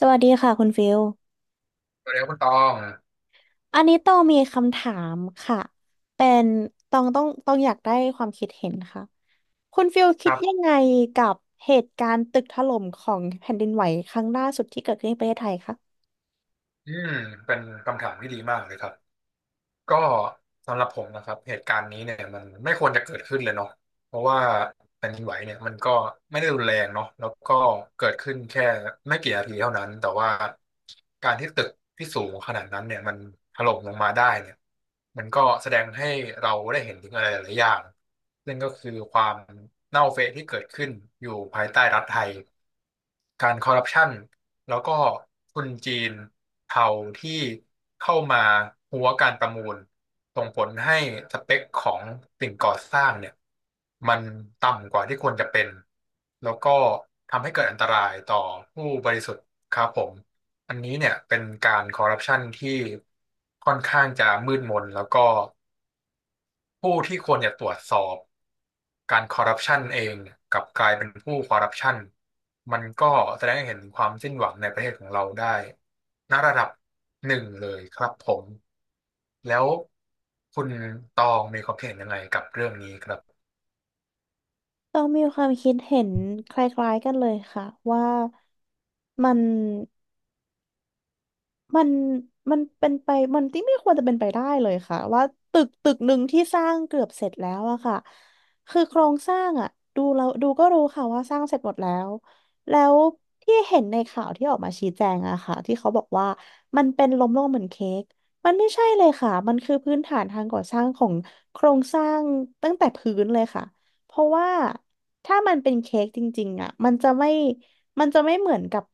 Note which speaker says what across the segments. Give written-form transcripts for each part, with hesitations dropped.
Speaker 1: สวัสดีค่ะคุณฟิล
Speaker 2: สวัสดีครับคุณตอง
Speaker 1: อันนี้ต้องมีคำถามค่ะ เป็นต้องอยากได้ความคิดเห็นค่ะ คุณฟิล
Speaker 2: ค
Speaker 1: คิด
Speaker 2: รั
Speaker 1: ยัง
Speaker 2: บ
Speaker 1: ไงกับเหตุการณ์ตึกถล่มของแผ่นดินไหวครั้งล่าสุดที่เกิดขึ้นในประเทศไทยคะ
Speaker 2: อืมเป็นคำถามที่ดีมากเลยครับก็สำหรับผมนะครับเหตุการณ์นี้เนี่ยมันไม่ควรจะเกิดขึ้นเลยเนาะเพราะว่าแผ่นดินไหวเนี่ยมันก็ไม่ได้รุนแรงเนาะแล้วก็เกิดขึ้นแค่ไม่กี่นาทีเท่านั้นแต่ว่าการที่ตึกที่สูงขนาดนั้นเนี่ยมันถล่มลงมาได้เนี่ยมันก็แสดงให้เราได้เห็นถึงอะไรหลายๆอย่างซึ่งก็คือความเน่าเฟะที่เกิดขึ้นอยู่ภายใต้รัฐไทย การคอร์รัปชันแล้วก็ทุนจีนเทาที่เข้ามาหัวการประมูลส่งผลให้สเปคของสิ่งก่อสร้างเนี่ยมันต่ำกว่าที่ควรจะเป็นแล้วก็ทำให้เกิดอันตรายต่อผู้บริสุทธิ์ครับผมอันนี้เนี่ยเป็นการคอร์รัปชันที่ค่อนข้างจะมืดมนแล้วก็ ผู้ที่ควรจะตรวจสอบการคอร์รัปชันเองกลับกลายเป็นผู้คอร์รัปชันมันก็แสดงให้เห็นถึงความสิ้นหวังในประเทศของเราได้ณระดับหนึ่งเลยครับผมแล้วคุณตองมีความคิดเห็นยังไงกับเรื่องนี้ครับ
Speaker 1: ต้องมีความคิดเห็นคล้ายๆกันเลยค่ะว่ามัน มันมันเป็นไปมันที่ไม่ควรจะเป็นไปได้เลยค่ะว่าตึกหนึ่งที่สร้างเกือบเสร็จแล้วอะค่ะคือโครงสร้างอะดูเราดูก็รู้ค่ะว่าสร้างเสร็จหมดแล้วแล้วที่เห็นในข่าวที่ออกมาชี้แจงอะค่ะที่เขาบอกว่ามันเป็นล้มลงเหมือนเค้กมันไม่ใช่เลยค่ะมันคือพื้นฐานทางก่อสร้างของโครงสร้างตั้งแต่พื้นเลยค่ะเพราะว่าถ้ามันเป็นเค้กจริงๆอะมันจะไม่เหมือนกับ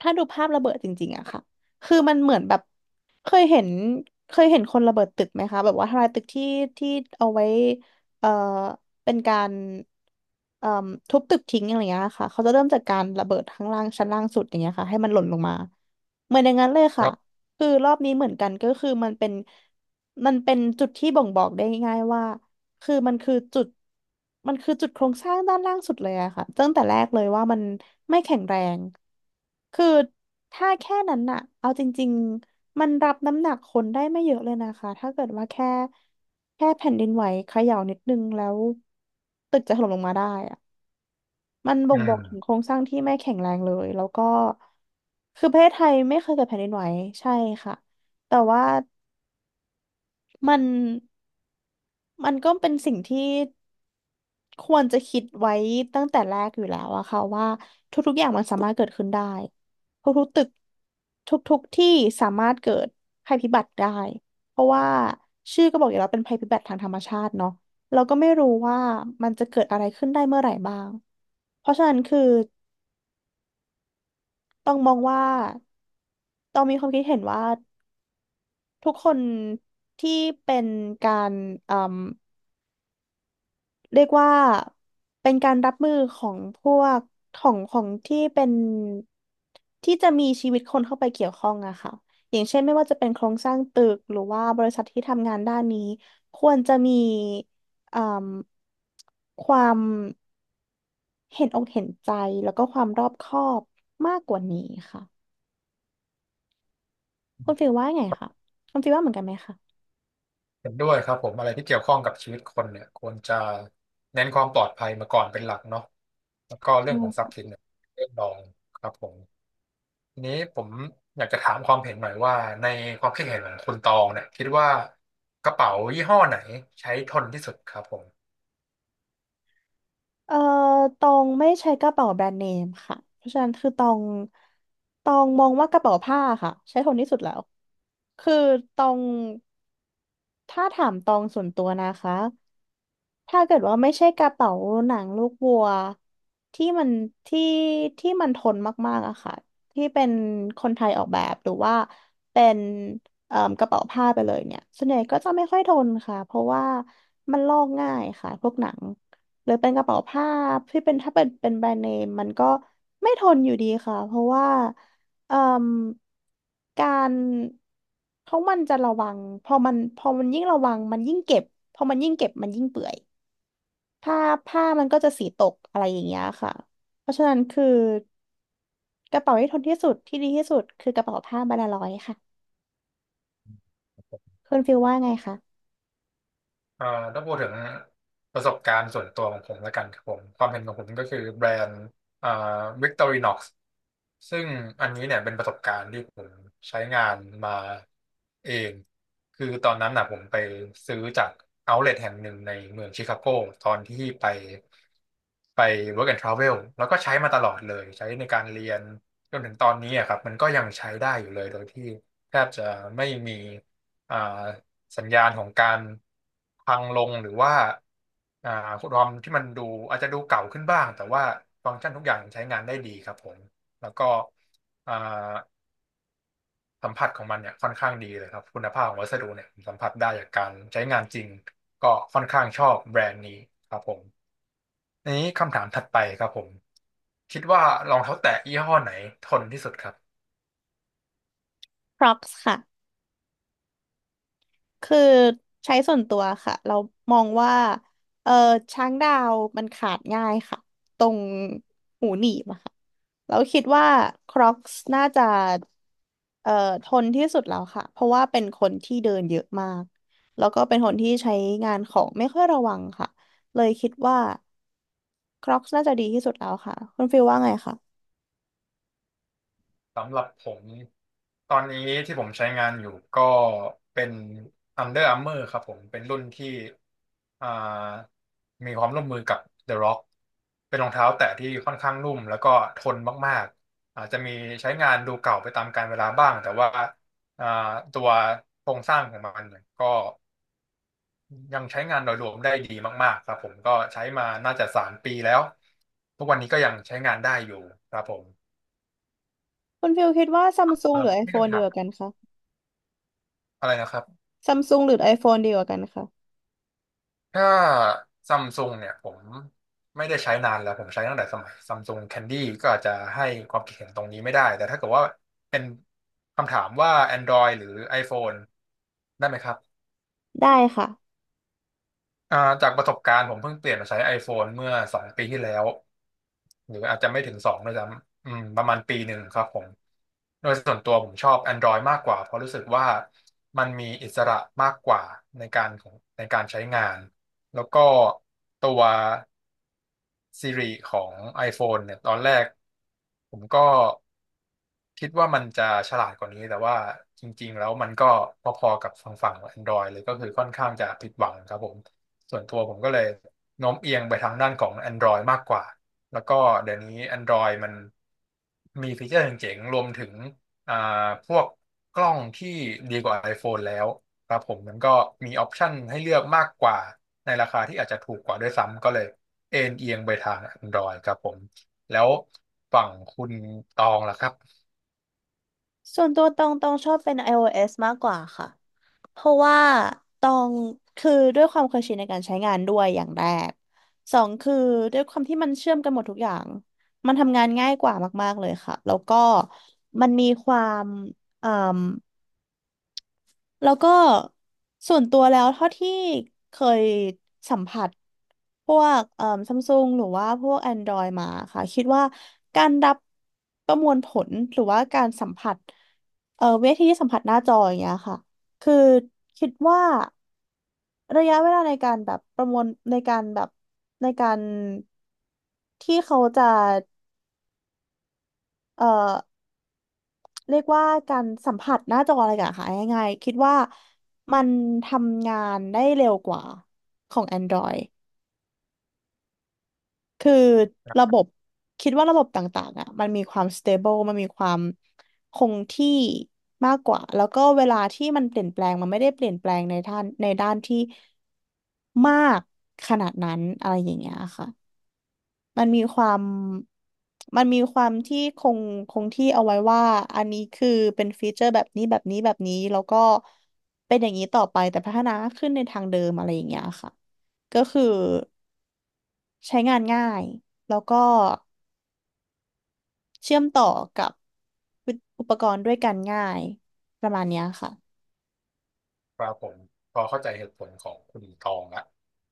Speaker 1: ถ้าดูภาพระเบิดจริงๆอะค่ะ คือมันเหมือนแบบเคยเห็นเคยเห็นคนระเบิดตึกไหมคะแบบว่าทลายตึกที่เอาไว้เอ่อเป็นการเอ่มทุบตึกทิ้งอะไรอย่างเงี้ยค่ะเขาจะเริ่มจากการระเบิดข้างล่างชั้นล่างสุดอย่างเงี้ยค่ะให้มันหล่นลงมาเหมือนอย่างนั้นเลย
Speaker 2: ค
Speaker 1: ค่ะ
Speaker 2: รับ
Speaker 1: คือรอบนี้เหมือนกันก็คือมันเป็นจุดที่บ่งบอกได้ง่ายๆว่า คือมันคือจุดโครงสร้างด้านล่างสุดเลยอะค่ะตั้งแต่แรกเลยว่ามันไม่แข็งแรงคือถ้าแค่นั้นอะเอาจริงๆมันรับน้ำหนักคนได้ไม่เยอะเลยนะคะถ้าเกิดว่าแค่แผ่นดินไหวเขย่านิดนึงแล้วตึกจะถล่มลงมาได้อะมันบ่
Speaker 2: อื
Speaker 1: งบอกถึงโคร
Speaker 2: ม
Speaker 1: งสร้างที่ไม่แข็งแรงเลยแล้วก็คือประเทศไทยไม่เคยเกิดแผ่นดินไหวใช่ค่ะแต่ว่ามันมันก็เป็นสิ่งที่ ควรจะคิดไว้ตั้งแต่แรกอยู่แล้วอะค่ะว่าทุกๆอย่างมันสามารถเกิดขึ้นได้ทุกๆตึกทุกๆที่สามารถเกิดภัยพิบัติได้เพราะว่าชื่อก็บอกอยู่แล้วเป็นภัยพิบัติทางธรรมชาติเนาะเราก็ไม่รู้ว่ามันจะเกิดอะไรขึ้นได้เมื่อไหร่บ้างเพราะฉะนั้นคือต้องมองว่าต้องมีความคิดเห็นว่าทุกคนที่เป็นการ เรียกว่าเป็นการรับมือของพวกของที่เป็นที่จะมีชีวิตคนเข้าไปเกี่ยวข้องอะค่ะอย่างเช่นไม่ว่าจะเป็นโครงสร้างตึกหรือว่าบริษัทที่ทำงานด้านนี้ควรจะมีเอ่มความเห็นอกเห็นใจแล้วก็ความรอบคอบมากกว่านี้ค่ะคุณฟิลว่าไงคะคุณฟิลว่าเหมือนกันไหมคะ
Speaker 2: เห็นด้วยครับผมอะไรที่เกี่ยวข้องกับชีวิตคนเนี่ยควรจะเน้นความปลอดภัยมาก่อนเป็นหลักเนาะแล้วก็เรื่องของทรัพย์สินเนี่ยเรื่องรองครับผม ทีนี้ผมอยากจะถามความเห็นหน่อยว่าในความคิดเห็นของคุณตองเนี่ยคิดว่ากระเป๋ายี่ห้อไหนใช้ทนที่สุดครับผม
Speaker 1: เอ่อตองไม่ใช้กระเป๋าแบรนด์เนมค่ะเพราะฉะนั้นคือตองมองว่ากระเป๋าผ้าค่ะใช้ทนที่สุดแล้วคือตองถ้าถามตองส่วนตัวนะคะ ถ้าเกิดว่าไม่ใช่กระเป๋าหนังลูกวัวที่มันที่ที่มันทนมากๆอะค่ะที่เป็นคนไทยออกแบบหรือว่าเป็นกระเป๋าผ้าไปเลยเนี่ยส่วนใหญ่ก็จะไม่ค่อยทนค่ะเพราะว่ามันลอกง่ายค่ะพวกหนังหรือเป็นกระเป๋าผ้าที่เป็นถ้าเป็นแบรนด์เนมมันก็ไม่ทนอยู่ดีค่ะเพราะว่าเอ่มการเพราะมันจะระวังพอมันยิ่งระวังมันยิ่งเก็บพอมันยิ่งเก็บมันยิ่งเปื่อย ผ้าผ้ามันก็จะสีตกอะไรอย่างเงี้ยค่ะ เพราะฉะนั้นคือกระเป๋าที่ทนที่สุดที่ดีที่สุดคือกระเป๋าผ้าบานาลอยค่ะคุณฟิลว่าไงคะ
Speaker 2: เอ่อถ้าพูดถึงประสบการณ์ส่วนตัวของผมแล้วกันครับผมความเห็นของผมก็คือแบรนด์เอ่อ Victorinox ซึ่งอันนี้เนี่ยเป็นประสบการณ์ที่ผมใช้งานมาเองคือตอนนั้นน่ะผมไปซื้อจากเอาท์เล t แห่งหนึ่งในเมืองชิคาโกตอนที่ไป Work and Travel แล้วก็ใช้มาตลอดเลยใช้ในการเรียนจนถึงตอนนี้อะครับมันก็ยังใช้ได้อยู่เลยโดยที่แทบจะไม่มีอ่า สัญญาณของการพังลงหรือว่าอ่าความที่มันดูอาจจะดูเก่าขึ้นบ้างแต่ว่าฟังก์ชันทุกอย่างใช้งานได้ดีครับผมแล้วก็อ่าสัมผัสของมันเนี่ยค่อนข้างดีเลยครับคุณภาพของวัสดุเนี่ยผมสัมผัสได้จากการใช้งานจริงก็ค่อนข้างชอบแบรนด์นี้ครับผมอันนี้คำถามถัดไปครับผมคิดว่ารองเท้าแตะยี่ห้อไหนทนที่สุดครับ
Speaker 1: Crocs ค่ะ คือใช้ส่วนตัวค่ะเรามองว่าเออช้างดาวมันขาดง่ายค่ะตรงหูหนีบอะค่ะเราคิดว่าคร o อกซ์น่าจะเอ่อทนที่สุดแล้วค่ะเพราะว่าเป็นคนที่เดินเยอะมากแล้วก็เป็นคนที่ใช้งานของไม่ค่อยระวังค่ะเลยคิดว่าคร o อกซ์น่าจะดีที่สุดแล้วค่ะคุณฟิลว่าไงคะ
Speaker 2: สำหรับผมตอนนี้ที่ผมใช้งานอยู่ก็เป็น Under Armour ครับผมเป็นรุ่นที่อ่ามีความร่วมมือกับ The Rock เป็นรองเท้าแตะที่ค่อนข้างนุ่มแล้วก็ทนมากๆอาจจะมีใช้งานดูเก่าไปตามกาลเวลาบ้างแต่ว่าอ่าตัวโครงสร้างของมันเนี่ยก็ยังใช้งานโดยรวมได้ดีมากๆครับผมก็ใช้มาน่าจะสามปีแล้วทุกวันนี้ก็ยังใช้งานได้อยู่ครับผม
Speaker 1: คุณฟิลคิดว่าซัมซุงหรือ
Speaker 2: ไม่
Speaker 1: iPhone
Speaker 2: คำ
Speaker 1: ดี
Speaker 2: ถา
Speaker 1: ก
Speaker 2: ม
Speaker 1: ว่ากันคะ
Speaker 2: อะไรนะครับ
Speaker 1: ซัมซุงหรือ iPhone ดีกว่ากันคะ
Speaker 2: ถ้าซัมซุงเนี่ยผมไม่ได้ใช้นานแล้วผมใช้ตั้งแต่สมัยซัมซุงแคนดี้ก็อาจจะให้ความคิดเห็นตรงนี้ไม่ได้แต่ถ้าเกิดว่าเป็นคำถามว่า Android หรือ iPhone ได้ไหมครับ
Speaker 1: ได้ค่ะ
Speaker 2: อ่าจากประสบการณ์ผมเพิ่งเปลี่ยนมาใช้ iPhone เมื่อสองปีที่แล้วหรืออาจจะไม่ถึงสองด้วยซ้ำประมาณปีหนึ่งครับผมโดยส่วนตัวผมชอบ Android มากกว่าเพราะรู้สึกว่ามันมีอิสระมากกว่าในการของในการใช้งานแล้วก็ตัว Siri ของ iPhone เนี่ยตอนแรกผมก็ คิดว่ามันจะฉลาดกว่านี้แต่ว่าจริงๆแล้วมันก็พอๆกับฝั่ง Android เลยก็คือค่อนข้างจะผิดหวังครับผมส่วนตัวผมก็เลยโน้มเอียงไปทางด้านของ Android มากกว่าแล้วก็เดี๋ยวนี้ Android มันมีฟีเจอร์เจ๋งๆรวมถึงอ่าพวกกล้องที่ดีกว่า iPhone แล้วครับผมมันก็มีออปชันให้เลือกมากกว่าในราคาที่อาจจะถูกกว่าด้วยซ้ำก็เลยเอ็นเอียงไปทาง Android ครับผมแล้วฝั่งคุณตองล่ะครับ
Speaker 1: ส่วนตัวตองชอบเป็น iOS มากกว่าค่ะเพราะว่าตองคือด้วยความเคยชินในการใช้งานด้วยอย่างแรกสองคือด้วยความที่มันเชื่อมกันหมดทุกอย่างมันทำงานง่ายกว่ามากๆเลยค่ะแล้วก็มันมีความเอ่อ แล้วก็ส่วนตัวแล้วเท่าที่เคยสัมผัสพวกซัมซุงหรือว่าพวก Android มาค่ะคิดว่าการรับประมวลผลหรือว่าการสัมผัสเวทีสัมผัสหน้าจออย่างเงี้ยค่ะคือคิดว่าระยะเวลาในการแบบประมวลในการแบบในการที่เขาจะเอ่อ เรียกว่าการสัมผัสหน้าจออะไรกันค่ะง่ายๆคิดว่ามันทำงานได้เร็วกว่าของ Android คือระบบคิดว่าระบบต่างๆอ่ะมันมีความ stable มันมีความคงที่มากกว่าแล้วก็เวลาที่มันเปลี่ยนแปลงมันไม่ได้เปลี่ยนแปลงในด้านที่มากขนาดนั้นอะไรอย่างเงี้ยค่ะ มันมีความ มันมีความที่คงที่เอาไว้ว่า อันนี้คือเป็นฟีเจอร์แบบนี้แบบนี้แบบนี้แล้วก็เป็นอย่างนี้ต่อไปแต่พัฒนาขึ้นในทางเดิมอะไรอย่างเงี้ยค่ะ ก็คือใช้งานง่ายแล้วก็เชื่อมต่อกับอุปกรณ์ด้วยกันง่ายประมาณเนี้ยค่ะ
Speaker 2: ครับผมพอเข้าใจเหตุผลของคุณตองละ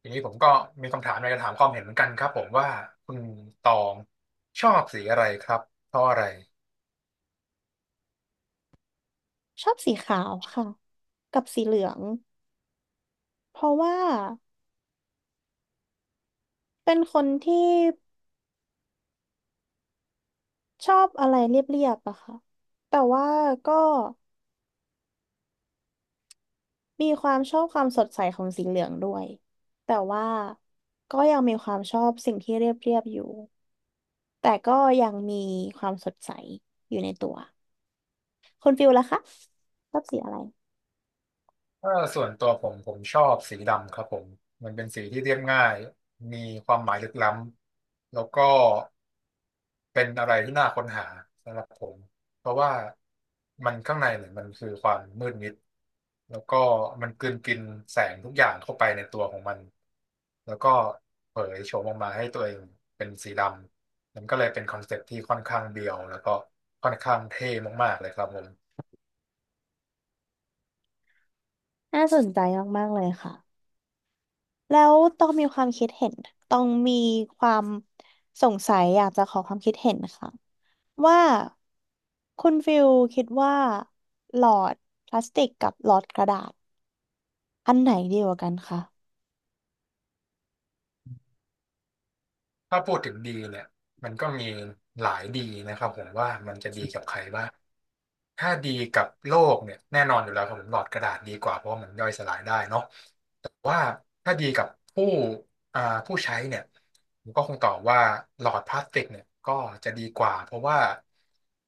Speaker 2: ทีนี้ผมก็มีคำถามอยากระถามความเห็นเหมือนกันครับผมว่าคุณตองชอบสีอะไรครับเพราะอะไร
Speaker 1: ชอบสีขาวค่ะกับสีเหลืองเพราะว่าเป็นคนที่ชอบอะไรเรียบๆอะค่ะแต่ว่าก็ มีความชอบความสดใสของสีเหลืองด้วยแต่ว่าก็ยังมีความชอบสิ่งที่เรียบเรียบอยู่แต่ก็ยังมีความสดใสอยู่ในตัวคุณฟิลล่ะคะชอบสีอะไร
Speaker 2: ถ้าส่วนตัวผมชอบสีดำครับผมมันเป็นสีที่เรียบง่ายมีความหมายลึกล้ำแล้วก็เป็นอะไรที่น่าค้นหาสำหรับผมเพราะว่ามันข้างในเนี่ยมันคือความมืดมิดแล้วก็มันกลืนกินแสงทุกอย่างเข้าไปในตัวของมันแล้วก็เผยโฉมออกมาให้ตัวเองเป็นสีดำมันก็เลยเป็นคอนเซ็ปต์ที่ค่อนข้างเบียวแล้วก็ค่อนข้างเท่มากๆเลยครับผม
Speaker 1: น่าสนใจมากๆเลยค่ะแล้วต้องมีความคิดเห็นต้องมีความสงสัยอยากจะขอความคิดเห็นค่ะว่าคุณฟิลคิดว่าหลอดพลาสติกกับหลอดกระดาษอันไหนดีกว่ากันคะ
Speaker 2: ถ้าพูดถึงดีเนี่ยมันก็มีหลายดีนะครับผมว่ามันจะดีกับใครบ้างถ้าดีกับโลกเนี่ยแน่นอนอยู่แล้วครับผมหลอดกระดาษดีกว่าเพราะว่ามันย่อยสลายได้เนาะแต่ว่าถ้าดีกับผู้อ่าผู้ใช้เนี่ยผมก็คงตอบว่าหลอดพลาสติกเนี่ยก็จะดีกว่าเพราะว่า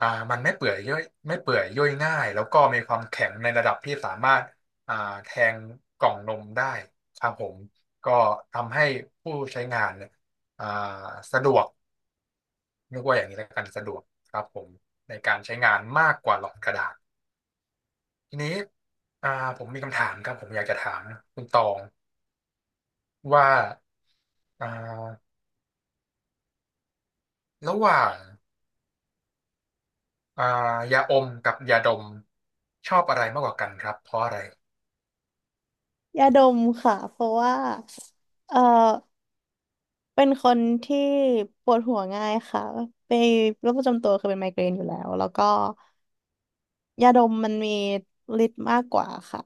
Speaker 2: อ่ามันไม่เปื่อยย่อยไม่เปื่อยย่อยง่ายแล้วก็มีความแข็งในระดับที่สามารถอ่าแทงกล่องนมได้ครับผมก็ทำให้ผู้ใช้งานเนี่ย อ่าสะดวกเรียกว่าอย่างนี้แล้วกันสะดวกครับผมในการใช้งานมากกว่าหลอดกระดาษทีนี้อ่าผมมีคำถามครับผมอยากจะถามคุณตองว่าอ่าระหว่างอ่ายาอมกับยาดมชอบอะไรมากกว่ากันครับเพราะอะไร
Speaker 1: ยาดมค่ะ เพราะว่าเออเป็นคนที่ปวดหัวง่ายค่ะไปโรคประจำตัวคือเป็นไมเกรนอยู่แล้ว แล้วก็ยาดมมันมีฤทธิ์มากกว่าค่ะ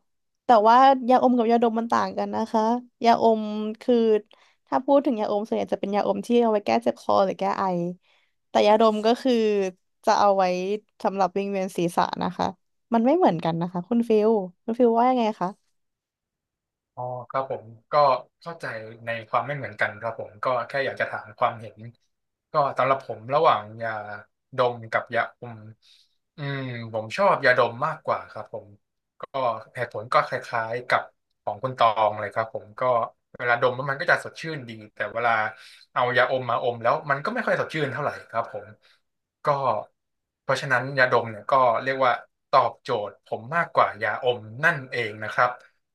Speaker 1: แต่ว่ายาอมกับยาดมมันต่างกันนะคะ ยาอมคือถ้าพูดถึงยาอมส่วนใหญ่จะเป็นยาอมที่เอาไว้แก้เจ็บคอหรือแก้ไอ แต่ยาดมก็คือจะเอาไว้สำหรับวิงเวียนศีรษะนะคะมันไม่เหมือนกันนะคะคุณฟิลคุณฟิลว่ายังไงคะ
Speaker 2: อ๋อครับผมก็เข้าใจในความไม่เหมือนกันครับผมก็แค่อยากจะถามความเห็นก็สำหรับผมระหว่างยาดมกับยาอมอืมผมชอบยาดมมากกว่าครับผม ก็เหตุผลก็คล้ายๆกับของคุณตองเลยครับผมก็เวลาดมแล้วมันก็จะสดชื่นดีแต่เวลาเอายาอมมาอมแล้วมันก็ไม่ค่อยสดชื่นเท่าไหร่ครับผมก็เพราะฉะนั้นยาดมเนี่ยก็เรียกว่าตอบโจทย์ผมมากกว่ายาอมนั่นเองนะครับ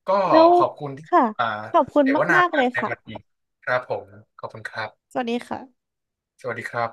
Speaker 2: ก็
Speaker 1: แล้ว
Speaker 2: ขอบคุณที่
Speaker 1: ค่ะ
Speaker 2: อ่า
Speaker 1: ขอบคุณ
Speaker 2: เสวนา
Speaker 1: มากๆเล
Speaker 2: กัน
Speaker 1: ย
Speaker 2: ในวัน
Speaker 1: ค่ะ
Speaker 2: นี้ครับผมขอบคุณครับ
Speaker 1: สวัสดีค่ะ
Speaker 2: สวัสดีครับ